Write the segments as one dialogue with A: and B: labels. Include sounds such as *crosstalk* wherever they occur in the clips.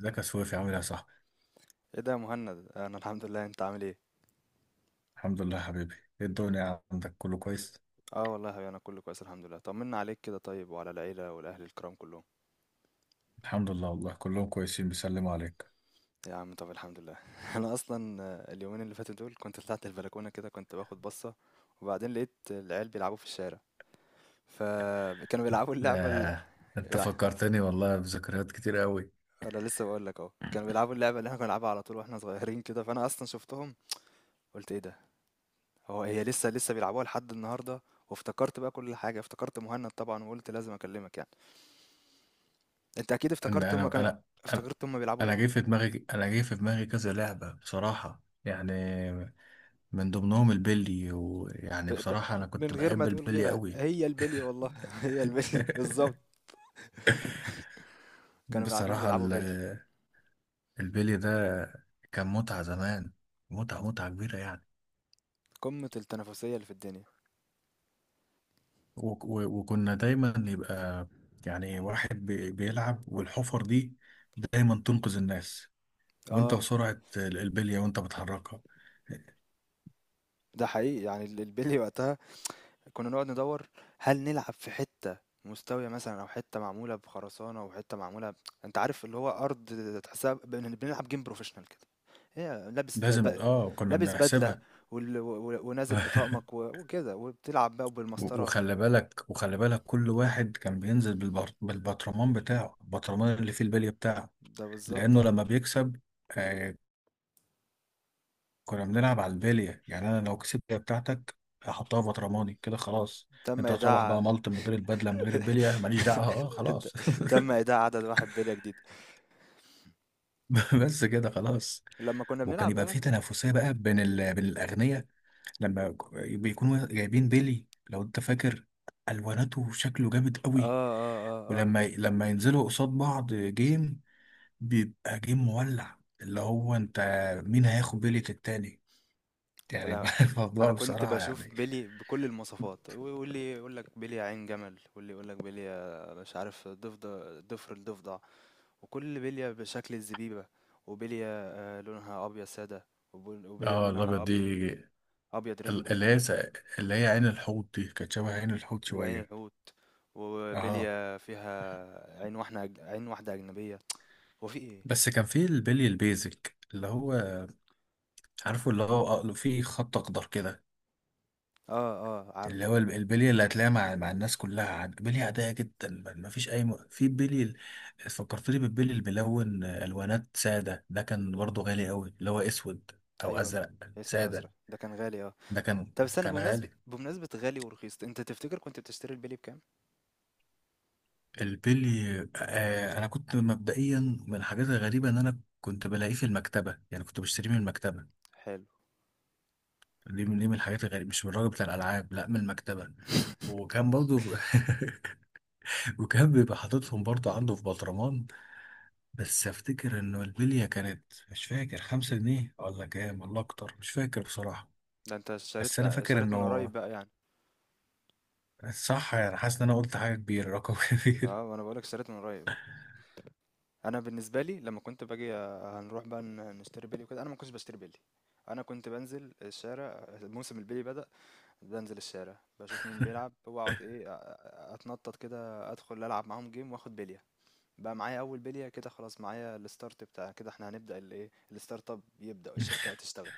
A: ازيك يا سويفي؟ عامل ايه يا صاحبي؟
B: ايه ده يا مهند؟ انا الحمد لله، انت عامل ايه؟
A: الحمد لله يا حبيبي. ايه الدنيا عندك؟ كله كويس؟
B: اه والله يا حبيبي، انا كله كويس الحمد لله. طمنا عليك كده. طيب، وعلى العيله والاهل الكرام كلهم؟
A: الحمد لله والله، كلهم كويسين بيسلموا عليك.
B: يا عم طب الحمد لله. *laughs* انا اصلا اليومين اللي فاتوا دول كنت طلعت البلكونه كده، كنت باخد بصه. وبعدين لقيت العيال بيلعبوا في الشارع، فكانوا بيلعبوا اللعبه ال...
A: ده انت
B: لا،
A: فكرتني والله بذكريات كتير قوي.
B: انا لسه بقول لك اهو، كانوا بيلعبوا اللعبه اللي احنا كنا بنلعبها على طول واحنا صغيرين كده. فانا اصلا شفتهم قلت ايه ده، هو هي لسه بيلعبوها لحد النهارده. وافتكرت بقى كل حاجه، افتكرت مهند طبعا وقلت لازم اكلمك. أنت أكيد
A: ان
B: افتكرت هُم
A: انا
B: كانوا،
A: انا انا
B: افتكرت هُم بيلعبوا
A: انا
B: إيه؟
A: جاي في دماغي، كذا لعبة بصراحة يعني. من ضمنهم البلي،
B: ب
A: ويعني
B: ب
A: بصراحة انا كنت
B: من غير ما
A: بحب
B: تقول
A: البلي
B: غيرها،
A: قوي.
B: هي البِلي والله. *laughs* هي البِلي بالضبط.
A: *laughs*
B: كانوا قاعدين
A: بصراحة
B: بيلعبوا بِلي،
A: البلي ده كان متعة زمان. متعة كبيرة يعني.
B: قمة التنافسية اللي في الدنيا.
A: وك- و- وكنا دايما يبقى يعني واحد بيلعب، والحفر دي دايما تنقذ الناس، وانت
B: آه،
A: وسرعة البلية وانت بتحركها.
B: ده حقيقي يعني البِلي وقتها كنا نقعد ندوّر هل نلعب في حتّة مستوية مثلًا، أو حتّة معمولة بخرسانة، وحتّة معمولة أنت عارف اللي هو أرض تحسّها بنلعب game professional كده. هي
A: لازم اه، كنا
B: لابس بدلة
A: بنحسبها.
B: ونازل
A: *laughs*
B: بطقمك وكده، وبتلعب بقى
A: و-
B: وبالمسطرة.
A: وخلي بالك، كل واحد كان بينزل بالبطرمان بتاعه، البطرمان اللي فيه البلية بتاعه.
B: ده بالضبط
A: لأنه
B: آه.
A: لما بيكسب آه، كنا بنلعب على البلية. يعني أنا لو كسبت البلية بتاعتك هحطها في برطماني كده خلاص.
B: تم
A: انت هتروح بقى
B: إيداع
A: ملط من غير البدلة، من غير البلية، ماليش دعوة، اه خلاص.
B: *laughs* تم
A: *laughs*
B: إيداع عدد واحد بلية جديدة.
A: *laughs* بس كده خلاص.
B: ولمّا كنا
A: وكان
B: بنلعب
A: يبقى
B: بقى.
A: في تنافسيه بقى بين الاغنياء لما بيكونوا جايبين بيلي. لو انت فاكر الواناته شكله جامد
B: آه،
A: قوي.
B: آه، آه، آه.
A: ولما ينزلوا قصاد بعض جيم بيبقى جيم مولع، اللي هو انت مين هياخد بيلي التاني
B: يا
A: يعني.
B: لهوي!
A: *laughs* الموضوع
B: أنا كنت
A: بصراحه
B: باشوف
A: يعني.
B: بيلي بكل المواصفات، واللي يقول لك بلية عين جمل، واللي يقول لك بلية مش عارف ضفر الضفدع، وكل بلية بشكل الزبيبة، وبلية لونها أبيض سادة، وبلية
A: اه
B: لونها
A: الابيض دي،
B: أبيض
A: ال-
B: ريمبو،
A: اللي هي س- اللي هي عين الحوت دي كانت شبه عين الحوت
B: وعين
A: شويه.
B: الحوت،
A: اه
B: وبلية فيها عين واحدة أجنبية، هو في إيه؟
A: بس كان في البلي البيزك، اللي هو عارفه، اللي هو في خط اخضر كده.
B: آه، آه،
A: اللي
B: عارفه
A: هو
B: ده.
A: البلي اللي هتلاقيها مع الناس كلها، عاد بلي عاديه جدا، ما فيش اي في بلي فكرتني بالبلي الملون، الوانات ساده ده كان برضه غالي قوي، اللي هو اسود او
B: أيوه،
A: ازرق
B: أسود أزرق،
A: ساده.
B: ده كان غالي آه.
A: ده كان
B: طب استنى،
A: كان
B: بمناسبة
A: غالي.
B: بمناسبة غالي ورخيص، أنت تفتكر كنت بتشتري البلي بكام؟
A: البلي آه، انا كنت مبدئيا من الحاجات الغريبه ان انا كنت بلاقيه في المكتبه، يعني كنت بشتريه من المكتبه.
B: حلو.
A: دي من الحاجات الغريبه، مش من الراجل بتاع الالعاب، لا من المكتبه.
B: *laughs*
A: وكان برضه *laughs* وكان بيبقى حاططهم برضه عنده في بطرمان. بس افتكر انه البليه كانت، مش فاكر خمسة جنيه ولا كام ولا اكتر، مش فاكر بصراحه.
B: ده أنت
A: بس
B: اشتريت
A: انا فاكر
B: اشتريت من قريب
A: انه
B: بقى يعني.
A: صح يعني، حاسس ان انا قلت حاجه كبيره، رقم *laughs* كبير.
B: اه، وأنا بقولك اشتريت من قريب. أنا بالنسبة لي لما كنت باجي هنروح بقى نشتري بلي وكده، أنا ما كنتش بشتري بلي. أنا كنت بنزل الشارع موسم البلي بدأ، بنزل الشارع بشوف مين بيلعب وأقعد إيه، أتنطط كده أدخل ألعب معاهم جيم وآخد بلي. بقى معايا اول بليه كده، خلاص معايا الستارت بتاع كده. احنا هنبدا الايه، الستارت اب، يبدا الشركه هتشتغل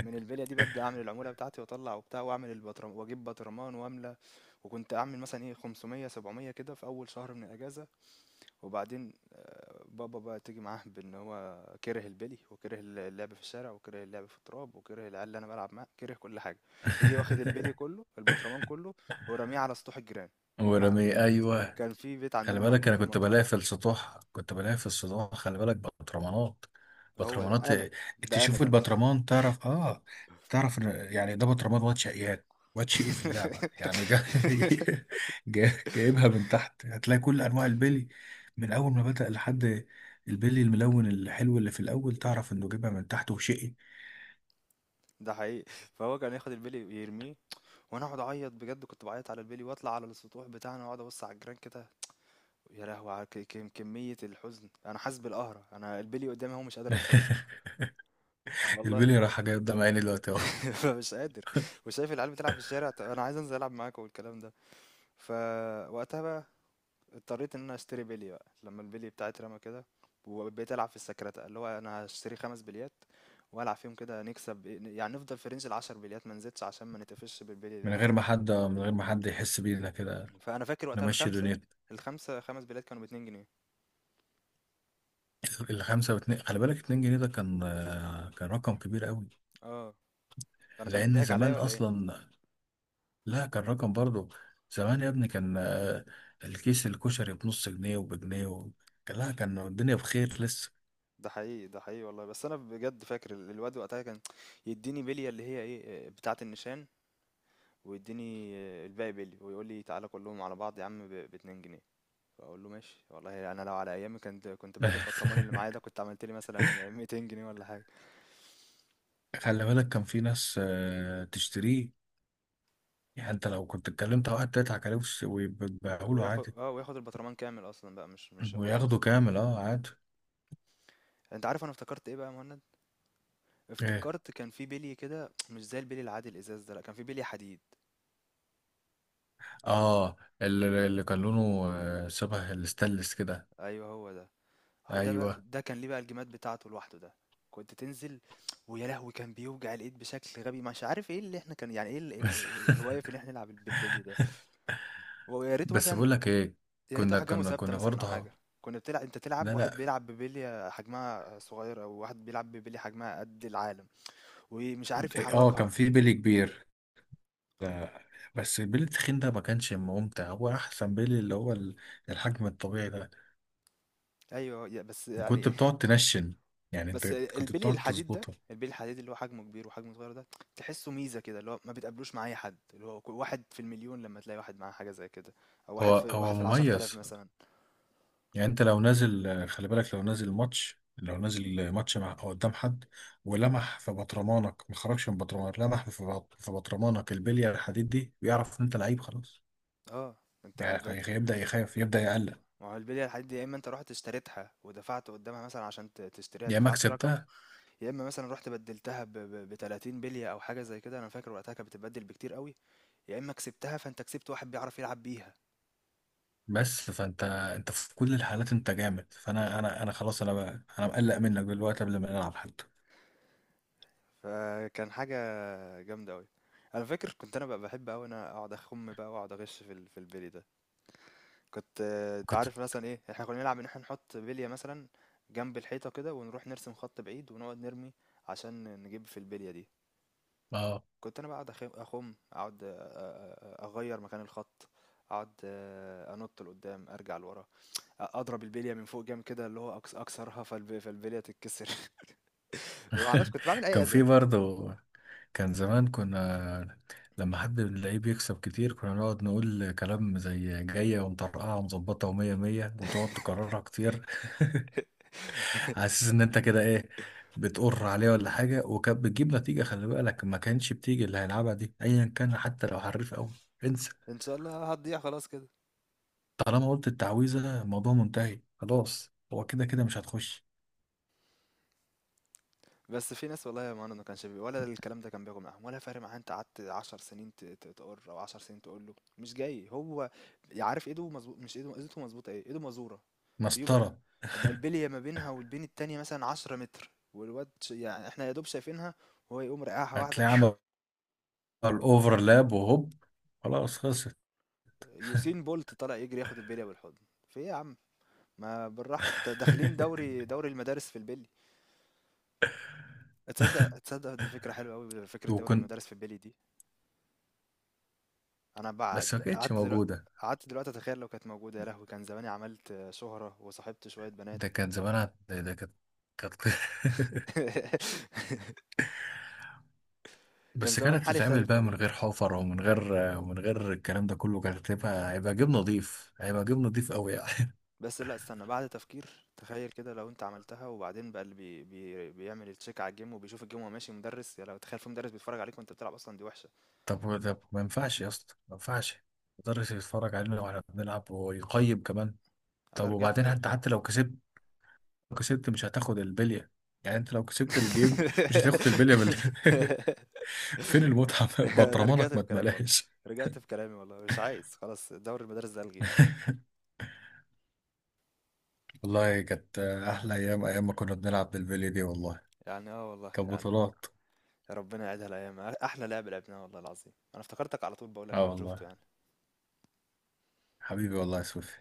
B: من البليه دي. ببدا اعمل العموله بتاعتي واطلع وبتاع، واعمل واجيب بطرمان واملى. وكنت اعمل مثلا ايه 500 700 كده في اول شهر من الاجازه. وبعدين بابا بقى تيجي معاه بان هو كره البلي وكره اللعب في الشارع وكره اللعب في التراب وكره العيال اللي انا بلعب معاه، كره كل حاجه. يجي واخد البلي
A: *laughs*
B: كله، البطرمان كله ورميه على سطوح الجيران. كان ع-
A: ورمي ايوه،
B: كان في بيت
A: خلي
B: عندنا
A: بالك
B: مهجور
A: انا
B: في
A: كنت
B: المنطقه.
A: بلاقي في السطوح، خلي بالك بطرمانات،
B: هو ده
A: بطرمانات
B: انا،
A: إيه،
B: ده انا
A: تشوف
B: ده.
A: البطرمان تعرف، اه تعرف يعني ده بطرمان واد شقيان، واد شقي في اللعبه يعني
B: *laughs*
A: *laughs* جايبها من تحت هتلاقي كل انواع البلي، من اول ما بدأ لحد البلي الملون الحلو اللي في الاول، تعرف انه جايبها من تحت وشقي.
B: ده حقيقي. فهو كان ياخد البلي ويرميه، وانا اقعد اعيط بجد، كنت بعيط على البلي واطلع على السطوح بتاعنا واقعد ابص على الجيران كده. يا لهوي على كمية الحزن، انا حاسس بالقهرة، انا البلي قدامي هو مش قادر اوصل له.
A: *laughs*
B: والله.
A: البلي راح جايب قدام عيني دلوقتي اهو.
B: *laughs* مش قادر. وشايف العيال بتلعب في الشارع، طب انا عايز انزل العب معاكم والكلام ده. فوقتها بقى اضطريت ان انا اشتري بلي بقى لما البلي بتاعي اترمى كده. وبقيت العب في السكرتة، اللي هو انا هشتري خمس بليات والعب فيهم كده نكسب، يعني نفضل في رينج العشر بليات ما نزيدش، عشان ما نتقفش بالبلي اللي معانا.
A: من غير ما حد يحس بينا كده،
B: فانا فاكر وقتها
A: نمشي
B: الخمسه
A: دنيتنا.
B: الخمسه خمس بليات كانوا بـ2 جنيه.
A: الخمسة واتنين، خلي بالك اتنين جنيه ده كان آه، كان رقم كبير قوي.
B: اه. انا كان
A: لأن
B: بيضحك عليا
A: زمان
B: ولا ايه؟
A: أصلا، لا كان رقم برضو. زمان يا ابني كان آه، الكيس الكشري بنص جنيه وبجنيه و... لا كان الدنيا بخير لسه.
B: ده حقيقي، ده حقيقي والله. بس انا بجد فاكر الواد وقتها كان يديني بليه اللي هي ايه، بتاعه النيشان، ويديني الباقي بلي، ويقول لي تعالى كلهم على بعض يا عم ب 2 جنيه. فاقول له ماشي. والله انا لو على ايامي، كنت بعت
A: *laughs*
B: البطرمان اللي معايا ده، كنت عملت لي مثلا 200 جنيه ولا حاجه.
A: خلي بالك كان في ناس آه، تشتريه. يعني انت لو كنت اتكلمت مع واحد تضحك عليه ويبيعوا له
B: وياخد
A: عادي،
B: وياخد البطرمان كامل اصلا بقى، مش ياخد
A: وياخده
B: جزء.
A: كامل اه عادي.
B: انت عارف انا افتكرت ايه بقى يا مهند؟
A: ايه
B: افتكرت كان في بلي كده مش زي البلي العادي الازاز ده، لا، كان في بلي حديد.
A: اه، اللي كان لونه آه، شبه الستانلس كده.
B: ايوه، هو ده. اه، ده بقى
A: ايوه.
B: ده كان ليه بقى الجيمات بتاعته لوحده ده. كنت تنزل، ويا لهوي كان بيوجع الايد بشكل غبي. مش عارف ايه اللي احنا كان يعني ايه
A: *laughs*
B: الهوايه في ان احنا نلعب بالبلي ده. ويا ريته
A: بس
B: مثلا،
A: بقول لك ايه،
B: يا ريت
A: كنا
B: احجامه
A: كنا
B: ثابته
A: كنا
B: مثلا او
A: برضه،
B: حاجه. كنا بتلعب، انت تلعب
A: لا لا،
B: واحد بيلعب ببليه حجمها صغير، او واحد بيلعب ببليه حجمها قد العالم ومش عارف
A: اه كان
B: يحركها.
A: في بيلي كبير آه، بس البيلي التخين ده ما كانش ممتع، هو احسن بيلي اللي هو الحجم الطبيعي ده.
B: ايوه، بس
A: وكنت
B: يعني.
A: بتقعد
B: *laughs*
A: تنشن، يعني انت
B: بس
A: كنت
B: البلي
A: بتقعد
B: الحديد ده،
A: تظبطه.
B: البلي الحديد اللي هو حجمه كبير وحجمه صغير ده، تحسه ميزه كده، اللي هو ما بتقابلوش مع اي حد، اللي هو واحد في المليون لما تلاقي واحد معاه حاجه زي كده. او واحد
A: هو
B: في
A: هو
B: 10,000
A: مميز،
B: مثلا.
A: يعني انت لو نازل آه، خلي بالك، لو نازل ماتش مع أو قدام حد، ولمح في بطرمانك، ما خرجش من بطرمانك، لمح في في بطرمانك البليه الحديد دي، بيعرف ان انت لعيب خلاص.
B: اه، انت
A: يعني
B: ده انت.
A: هيبدأ يخاف، يبدأ يقلق.
B: ما هو البليه الحديد دي، يا اما انت رحت اشتريتها ودفعت قدامها مثلا، عشان تشتريها
A: يا اما
B: دفعت رقم،
A: كسبتها،
B: يا اما مثلا رحت بدلتها 30 بليه او حاجه زي كده. انا فاكر وقتها كانت بتتبدل بكتير قوي. يا اما كسبتها فانت كسبت واحد بيعرف يلعب بيها.
A: بس فانت انت في كل الحالات انت جامد. فانا انا خلاص، انا بقى انا مقلق منك دلوقتي قبل ما نلعب حتى.
B: فكان حاجه جامده قوي. انا فاكر كنت انا بقى بحب قوي انا اقعد اخم بقى، واقعد اغش في في البلي ده. كنت انت
A: كنت
B: عارف مثلا ايه، احنا كنا نلعب ان احنا نحط بليه مثلا جنب الحيطه كده، ونروح نرسم خط بعيد ونقعد نرمي عشان نجيب في البليه دي.
A: اه.
B: كنت انا بقعد اخم، اقعد اغير مكان الخط، اقعد انط لقدام ارجع لورا، اضرب البليه من فوق جامد كده اللي هو اكسرها فالبليه تتكسر. *laughs* ما اعرفش
A: *laughs*
B: كنت بعمل اي
A: كان
B: اذى.
A: في برضه، كان زمان كنا لما حد من اللعيب يكسب كتير كنا نقعد نقول كلام زي جاية ومطرقعة ومظبطة ومية مية، وتقعد تكررها كتير. *laughs* على
B: *laughs*
A: اساس ان انت كده ايه، بتقر عليه ولا حاجة. وكانت بتجيب نتيجة، خلي بالك، ما كانش بتيجي اللي هيلعبها دي ايا كان، حتى لو حريف قوي انسى.
B: ان شاء الله هتضيع خلاص كده.
A: طالما قلت التعويذة الموضوع منتهي خلاص، هو كده كده مش هتخش.
B: بس في ناس والله يا مهند ما كانش ولا الكلام ده كان بياخد معاهم ولا فارق معاه. انت قعدت 10 سنين تقر، او 10 سنين تقول له مش جاي، هو عارف ايده مظبوط، مش ايده مظبوطه ايه، ايده مزوره. يبقى
A: مسطرة،
B: يبقى البليه ما بينها والبين التانيه مثلا 10 متر، والواد يعني احنا يا دوب شايفينها، وهو يقوم رقعها واحده.
A: هتلاقي عمل
B: *laughs*
A: اوفرلاب وهوب خلاص خلصت.
B: يوسين بولت طالع يجري ياخد البليه بالحضن. في ايه يا عم؟ ما بالراحة، انت داخلين
A: *laughs*
B: دوري المدارس في البيلي؟ تصدق، دي فكرة حلوة قوي، فكرة دوري
A: وكنت،
B: المدارس في البيلي دي. انا
A: بس ما
B: بعد
A: كانتش موجودة.
B: قعدت دلوقتي اتخيل لو كانت موجودة، يا لهوي كان زماني عملت شهرة وصاحبت شوية
A: ده
B: بنات.
A: كان زمانها، ده كانت. *laughs*
B: *laughs* كان
A: بس
B: زمان
A: كانت
B: حالي
A: تتعمل
B: اختلف
A: بقى
B: والله.
A: من غير حفر، ومن غير الكلام ده كله، كانت هيبقى جيب نضيف، قوي يعني.
B: بس لا، استنى بعد تفكير، تخيل كده لو انت عملتها، وبعدين بقى اللي بي بي بيعمل التشيك على الجيم، وبيشوف الجيم وهو ماشي مدرس. يا لو تخيل في مدرس بيتفرج عليك وانت بتلعب اصلا، دي وحشة.
A: *laughs* طب ما ينفعش يا اسطى، ما ينفعش المدرس يتفرج علينا واحنا بنلعب ويقيم كمان.
B: انا
A: طب
B: رجعت
A: وبعدين انت حتى لو كسبت، مش هتاخد البليه، يعني انت لو كسبت الجيم مش هتاخد البليه
B: *laughs*
A: *laughs* فين
B: *laughs*
A: المتعه؟
B: أنا رجعت
A: بطرمانك ما
B: في كلامي والله،
A: تملاش.
B: رجعت في كلامي والله، مش عايز خلاص، دوري المدارس ده ألغيه.
A: والله كانت احلى ايام، ايام ما كنا بنلعب بالبليه دي والله،
B: يعني آه والله
A: كانت
B: يعني.
A: بطولات.
B: ربنا يعيدها الأيام، أحلى لعب لعبناه والله العظيم، أنا افتكرتك على طول، بقول لك
A: اه
B: لما شفته
A: والله
B: يعني.
A: حبيبي والله يا سوفي.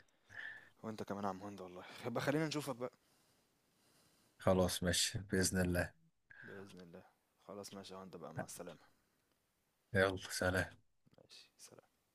B: وأنت كمان يا عم هند والله، يبقى خلينا نشوفك بقى.
A: خلاص ماشي باذن الله.
B: بإذن الله، خلاص ماشي يا هند بقى، مع السلامة.
A: يلا سلام.
B: ماشي سلام.